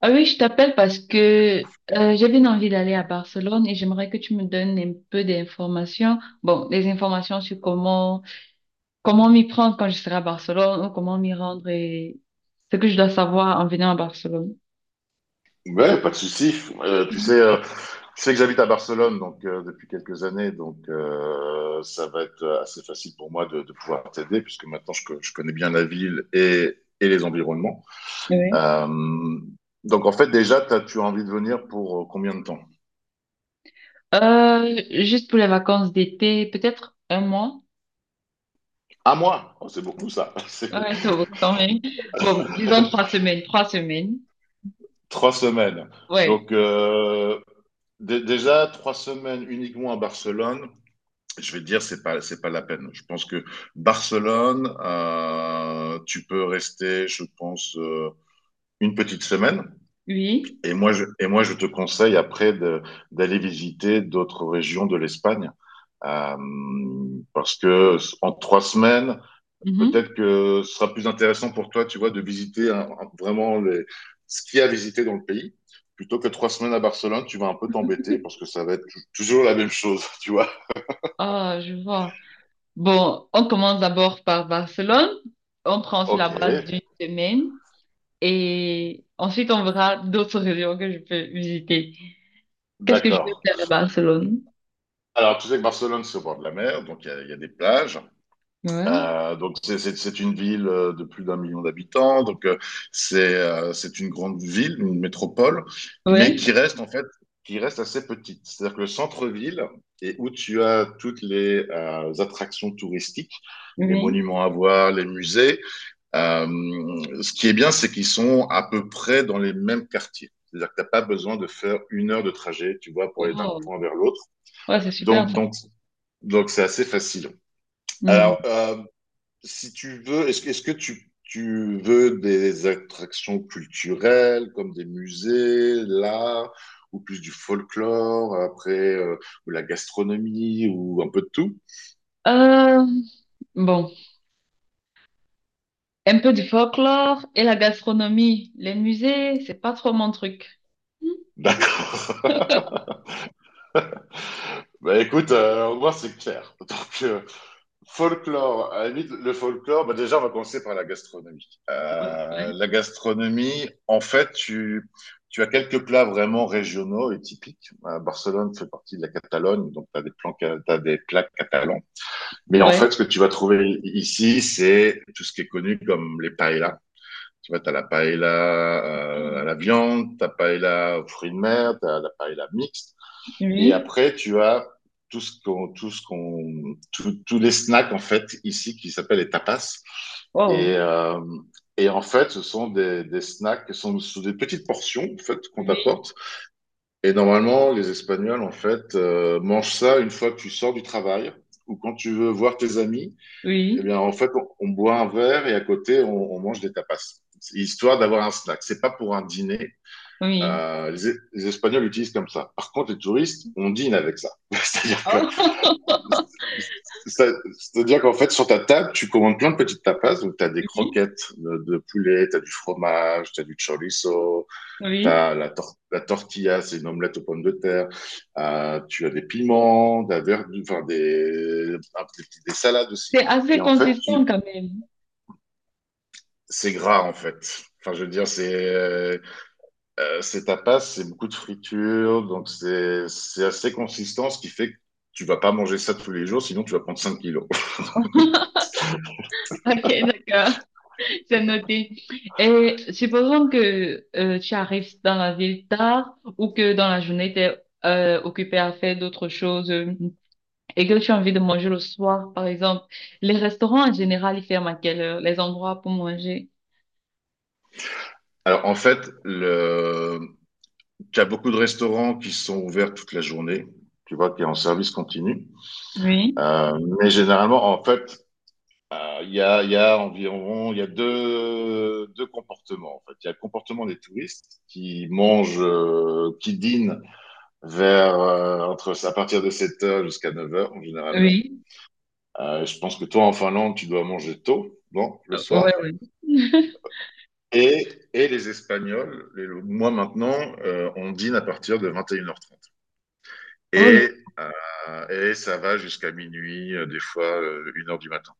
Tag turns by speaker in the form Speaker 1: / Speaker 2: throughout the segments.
Speaker 1: Ah oui, je t'appelle parce que j'avais une envie d'aller à Barcelone et j'aimerais que tu me donnes un peu d'informations. Bon, des informations sur comment m'y prendre quand je serai à Barcelone ou comment m'y rendre et ce que je dois savoir en venant à Barcelone.
Speaker 2: Ouais, pas de souci. Tu
Speaker 1: Mhm.
Speaker 2: sais, euh, tu sais que j'habite à Barcelone depuis quelques années, ça va être assez facile pour moi de pouvoir t'aider puisque maintenant je connais bien la ville et les environnements.
Speaker 1: Oui.
Speaker 2: Euh, donc en fait déjà, tu as envie de venir pour combien de temps?
Speaker 1: Juste pour les vacances d'été, peut-être un mois.
Speaker 2: Un mois. Oh, c'est beaucoup ça. C'est
Speaker 1: Ouais, ça vaut quand même. Bon, disons 3 semaines, 3 semaines.
Speaker 2: 3 semaines.
Speaker 1: Ouais.
Speaker 2: Donc euh, Déjà 3 semaines uniquement à Barcelone. Je vais te dire, c'est pas la peine. Je pense que Barcelone, tu peux rester, je pense, une petite semaine.
Speaker 1: Oui.
Speaker 2: Et moi, je te conseille après d'aller visiter d'autres régions de l'Espagne. Euh, Parce que en 3 semaines,
Speaker 1: Mhm.
Speaker 2: peut-être que ce sera plus intéressant pour toi, tu vois, de visiter vraiment ce qu'il y a à visiter dans le pays. Plutôt que 3 semaines à Barcelone, tu vas un peu t'embêter parce que ça va être toujours la même chose, tu vois.
Speaker 1: Ah, je vois. Bon, on commence d'abord par Barcelone. On prend sur la
Speaker 2: Ok,
Speaker 1: base d'une semaine et ensuite on verra d'autres régions que je peux visiter. Qu'est-ce que je peux
Speaker 2: d'accord.
Speaker 1: faire à Barcelone?
Speaker 2: Alors, tu sais que Barcelone, c'est au bord de la mer, donc il y a des plages.
Speaker 1: Ouais.
Speaker 2: Donc, c'est une ville de plus d'un million d'habitants. Donc, c'est une grande ville, une métropole, mais
Speaker 1: Ouais.
Speaker 2: qui reste assez petite. C'est-à-dire que le centre-ville, et où tu as toutes les attractions touristiques, les
Speaker 1: Oui.
Speaker 2: monuments à voir, les musées, euh, ce qui est bien, c'est qu'ils sont à peu près dans les mêmes quartiers. C'est-à-dire que tu n'as pas besoin de faire une heure de trajet, tu vois, pour aller d'un
Speaker 1: Oh,
Speaker 2: point vers l'autre.
Speaker 1: ouais, c'est super
Speaker 2: Donc,
Speaker 1: ça.
Speaker 2: donc donc, c'est assez facile.
Speaker 1: Mhm.
Speaker 2: Alors, si tu veux, est-ce que tu veux des attractions culturelles comme des musées, l'art, ou plus du folklore, après, ou la gastronomie, ou un peu de tout?
Speaker 1: Euh, bon, un peu du folklore et la gastronomie. Les musées, c'est pas trop mon truc.
Speaker 2: D'accord. Bah écoute, au moins c'est clair. Euh, Folklore, à la limite, le folklore, bah déjà, on va commencer par la gastronomie. La gastronomie, en fait, tu as quelques plats vraiment régionaux et typiques. Barcelone fait partie de la Catalogne, donc tu as t'as des plats catalans. Mais en
Speaker 1: Ouais.
Speaker 2: fait, ce que tu vas trouver ici, c'est tout ce qui est connu comme les paellas. Tu vois, tu as la paella à
Speaker 1: Oui.
Speaker 2: la viande, tu as paella aux fruits de mer, tu as la paella mixte. Et
Speaker 1: Oui.
Speaker 2: après, tu as tout ce qu'on, tout ce qu'on, tout- tous les snacks, en fait, ici, qui s'appellent les tapas. Et,
Speaker 1: Oh.
Speaker 2: euh, et en fait, ce sont des snacks qui sont sous des petites portions, en fait, qu'on
Speaker 1: Oui.
Speaker 2: t'apporte. Et normalement, les Espagnols, en fait, mangent ça une fois que tu sors du travail ou quand tu veux voir tes amis. Eh
Speaker 1: Oui.
Speaker 2: bien, en fait, on boit un verre et à côté, on mange des tapas, histoire d'avoir un snack. C'est pas pour un dîner.
Speaker 1: Oui.
Speaker 2: Les Espagnols utilisent comme ça. Par contre, les touristes, on dîne avec ça.
Speaker 1: Oh.
Speaker 2: Ça- C'est-à-dire qu'en fait, sur ta table, tu commandes plein de petites tapas. Donc, tu as des
Speaker 1: Oui.
Speaker 2: croquettes de poulet, tu as du fromage, tu as du chorizo, tu
Speaker 1: Oui.
Speaker 2: as la tortilla, c'est une omelette aux pommes de terre. Tu as des piments, de la verdure, enfin, des salades aussi.
Speaker 1: C'est
Speaker 2: Et
Speaker 1: assez
Speaker 2: en fait,
Speaker 1: consistant quand même.
Speaker 2: c'est gras en fait. Enfin, je veux dire, c'est tapas, c'est beaucoup de friture, donc c'est assez consistant, ce qui fait que tu vas pas manger ça tous les jours, sinon tu vas prendre 5 kilos.
Speaker 1: Ok, d'accord. C'est noté. Et supposons que tu arrives dans la ville tard ou que dans la journée, tu es occupé à faire d'autres choses et que tu as envie de manger le soir, par exemple. Les restaurants en général, ils ferment à quelle heure? Les endroits pour manger?
Speaker 2: Alors en fait, le... tu as beaucoup de restaurants qui sont ouverts toute la journée, tu vois, qui est en service continu.
Speaker 1: Oui,
Speaker 2: Euh, mais généralement, en fait, il y a environ, il y a deux comportements. En fait, il y a le comportement des touristes qui dînent vers entre à partir de 7 heures jusqu'à 9 heures généralement.
Speaker 1: oui.
Speaker 2: Je pense que toi en Finlande, tu dois manger tôt, bon, le
Speaker 1: Ouais,
Speaker 2: soir.
Speaker 1: ouais.
Speaker 2: Et, et les Espagnols, moi maintenant, on dîne à partir de 21h30. Et, une heures trente.
Speaker 1: Oh là,
Speaker 2: Et, et ça va jusqu'à minuit, des fois 1 heure du matin.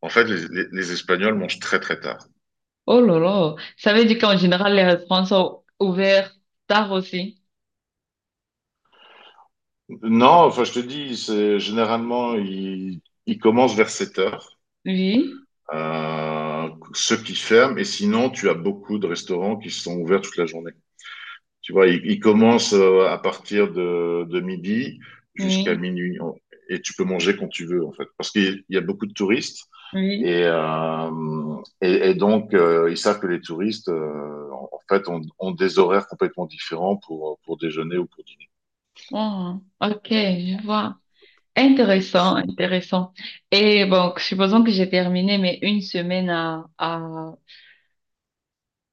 Speaker 2: En fait, les Espagnols mangent très très tard.
Speaker 1: oh là là. Ça veut dire qu'en général, les restaurants sont ouverts tard aussi.
Speaker 2: Non, enfin je te dis, c'est généralement ils commencent vers 7 heures
Speaker 1: Oui,
Speaker 2: ceux qui ferment, et sinon, tu as beaucoup de restaurants qui sont ouverts toute la journée. Tu vois, ils commencent à partir de midi jusqu'à
Speaker 1: oui,
Speaker 2: minuit, et tu peux manger quand tu veux, en fait, parce qu'il y a beaucoup de touristes,
Speaker 1: oui.
Speaker 2: et, euh, et donc, ils savent que les touristes, en fait, ont des horaires complètement différents pour déjeuner ou pour dîner.
Speaker 1: Oh, ok, je vois. Intéressant, intéressant. Et bon, supposons que j'ai terminé mes une semaine à...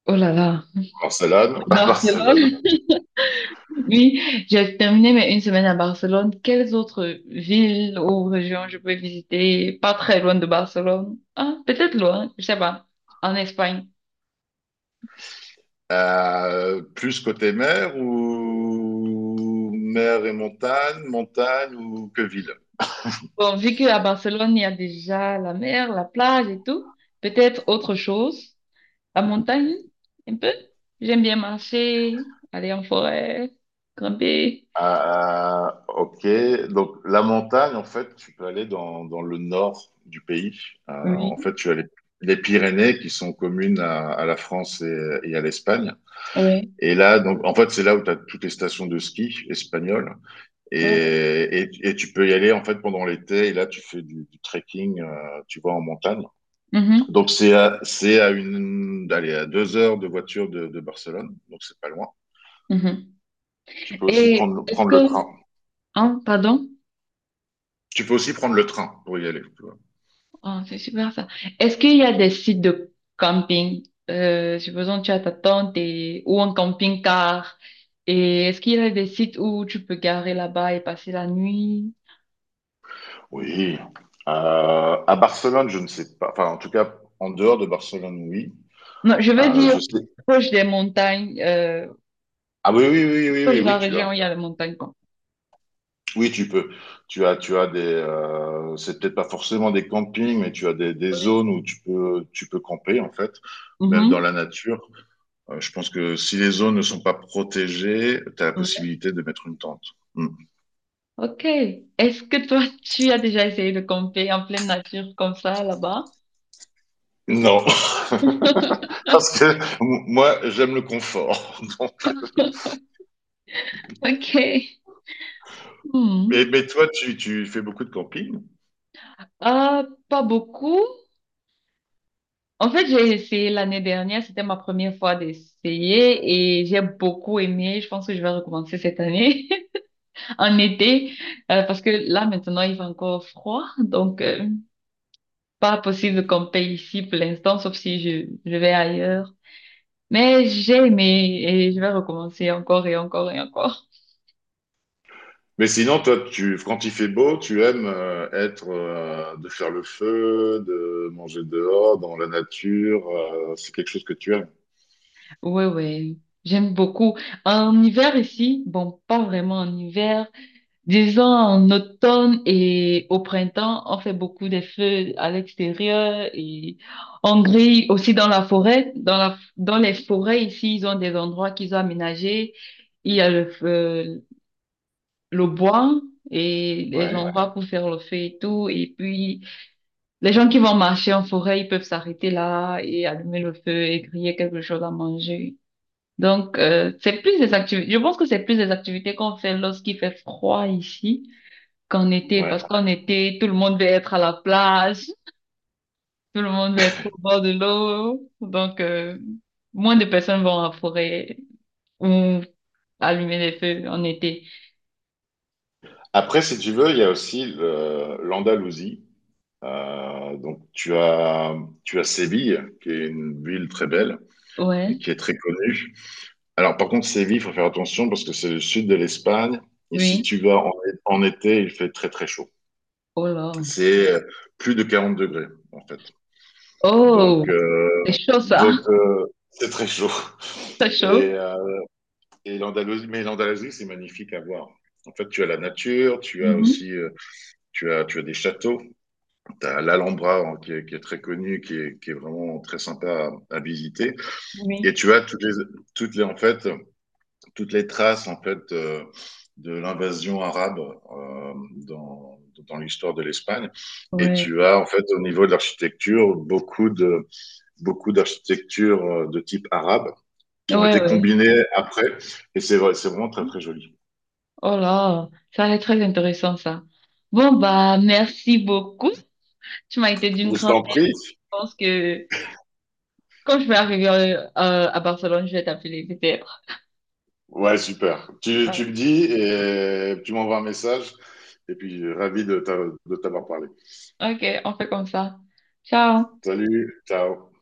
Speaker 1: Oh là là,
Speaker 2: Barcelone,
Speaker 1: à
Speaker 2: à Barcelone.
Speaker 1: Barcelone. Oui, j'ai terminé mes une semaine à Barcelone. Quelles autres villes ou régions je peux visiter? Pas très loin de Barcelone. Ah, peut-être loin, je sais pas. En Espagne.
Speaker 2: Plus côté mer ou mer et montagne, montagne ou que ville?
Speaker 1: Bon, vu qu'à Barcelone, il y a déjà la mer, la plage et tout, peut-être autre chose. La montagne, un peu. J'aime bien marcher, aller en forêt, grimper.
Speaker 2: Ok, donc la montagne, en fait, tu peux aller dans le nord du pays.
Speaker 1: Oui,
Speaker 2: En fait, tu as les Pyrénées qui sont communes à la France et à l'Espagne.
Speaker 1: oui,
Speaker 2: Et là, donc, en fait, c'est là où tu as toutes les stations de ski espagnoles.
Speaker 1: voilà.
Speaker 2: Et, et tu peux y aller, en fait, pendant l'été. Et là, tu fais du trekking, tu vois, en montagne.
Speaker 1: Mhm,
Speaker 2: Donc c'est à 2 heures de voiture de Barcelone, donc c'est pas loin.
Speaker 1: mhm.
Speaker 2: Tu peux aussi
Speaker 1: Et est-ce
Speaker 2: prendre le train.
Speaker 1: que, hein, pardon,
Speaker 2: Tu peux aussi prendre le train pour y aller, tu vois.
Speaker 1: Oh, c'est super ça. Est-ce qu'il y a des sites de camping? Supposons que tu as ta tente et, ou un camping-car. Et est-ce qu'il y a des sites où tu peux garer là-bas et passer la nuit?
Speaker 2: Oui. À Barcelone, je ne sais pas. Enfin, en tout cas, en dehors de Barcelone, oui.
Speaker 1: Non, je veux dire
Speaker 2: Je sais.
Speaker 1: proche des montagnes,
Speaker 2: Ah oui, oui, oui, oui,
Speaker 1: proche
Speaker 2: oui,
Speaker 1: de la
Speaker 2: oui, tu
Speaker 1: région
Speaker 2: as.
Speaker 1: où il y a les montagnes, quoi.
Speaker 2: Oui, tu peux. Tu as des. C'est peut-être pas forcément des campings, mais tu as des
Speaker 1: Oui.
Speaker 2: zones où tu peux camper en fait, même dans la nature. Je pense que si les zones ne sont pas protégées, tu as la
Speaker 1: Mhm.
Speaker 2: possibilité de mettre une tente. Hmm.
Speaker 1: Ok. Est-ce que toi, tu as déjà essayé de camper en pleine nature comme ça là-bas?
Speaker 2: Non, parce que moi, j'aime le confort. Donc...
Speaker 1: Ok.
Speaker 2: Mais,
Speaker 1: Hmm.
Speaker 2: mais toi, tu fais beaucoup de camping?
Speaker 1: Ah, pas beaucoup. En fait, j'ai essayé l'année dernière. C'était ma première fois d'essayer et j'ai beaucoup aimé. Je pense que je vais recommencer cette année en été parce que là, maintenant, il fait encore froid. Donc, pas possible de camper ici pour l'instant, sauf si je vais ailleurs. Mais j'ai aimé et je vais recommencer encore et encore et encore.
Speaker 2: Mais sinon, toi, quand il fait beau, tu aimes de faire le feu, de manger dehors, dans la nature. C'est quelque chose que tu aimes.
Speaker 1: Ouais, ouais, j'aime beaucoup. En hiver ici, bon, pas vraiment en hiver, disons en automne et au printemps, on fait beaucoup des feux à l'extérieur et on grille aussi dans la forêt. Dans les forêts ici, ils ont des endroits qu'ils ont aménagés. Il y a le feu, le bois et les, ouais,
Speaker 2: Ouais,
Speaker 1: endroits pour faire le feu et tout. Et puis, les gens qui vont marcher en forêt, ils peuvent s'arrêter là et allumer le feu et griller quelque chose à manger. Donc, c'est plus des activités, je pense que c'est plus des activités qu'on fait lorsqu'il fait froid ici qu'en été, parce
Speaker 2: ouais.
Speaker 1: qu'en été, tout le monde veut être à la plage, tout le monde veut être au bord de l'eau. Donc, moins de personnes vont à la forêt ou allumer des feux en été.
Speaker 2: Après, si tu veux, il y a aussi l'Andalousie. Donc, tu as Séville, qui est une ville très belle et
Speaker 1: Ouais,
Speaker 2: qui est très connue. Alors, par contre, Séville, il faut faire attention parce que c'est le sud de l'Espagne. Et si tu
Speaker 1: oui.
Speaker 2: vas en été, il fait très, très chaud.
Speaker 1: Oh là.
Speaker 2: C'est plus de 40 degrés, en fait.
Speaker 1: Oh,
Speaker 2: Donc, euh,
Speaker 1: c'est chaud ça.
Speaker 2: donc euh, c'est très chaud.
Speaker 1: C'est
Speaker 2: Et,
Speaker 1: chaud.
Speaker 2: euh, Et l'Andalousie, c'est magnifique à voir. En fait, tu as la nature, tu as
Speaker 1: Mhm.
Speaker 2: aussi tu as des châteaux, tu as l'Alhambra hein, qui est très connu, qui est vraiment très sympa à visiter,
Speaker 1: Oui.
Speaker 2: et tu as toutes les, en fait, toutes les traces en fait, de l'invasion arabe dans, dans l'histoire de l'Espagne. Et
Speaker 1: Ouais.
Speaker 2: tu as, en fait, au niveau de l'architecture, beaucoup d'architectures de type arabe qui ont
Speaker 1: Ouais,
Speaker 2: été
Speaker 1: ouais.
Speaker 2: combinées après. Et c'est vrai, c'est vraiment très, très joli.
Speaker 1: Oh là, ça va être très intéressant ça. Bon, bah, merci beaucoup. Tu m'as été d'une
Speaker 2: Je
Speaker 1: grande.
Speaker 2: t'en
Speaker 1: Je
Speaker 2: prie.
Speaker 1: pense que quand je vais arriver à Barcelone, je vais t'appeler peut-être.
Speaker 2: Ouais, super. Tu,
Speaker 1: Ouais.
Speaker 2: tu me dis et tu m'envoies un message. Et puis, ravi de t'avoir parlé.
Speaker 1: Ok, on fait comme ça. Ciao.
Speaker 2: Salut, ciao.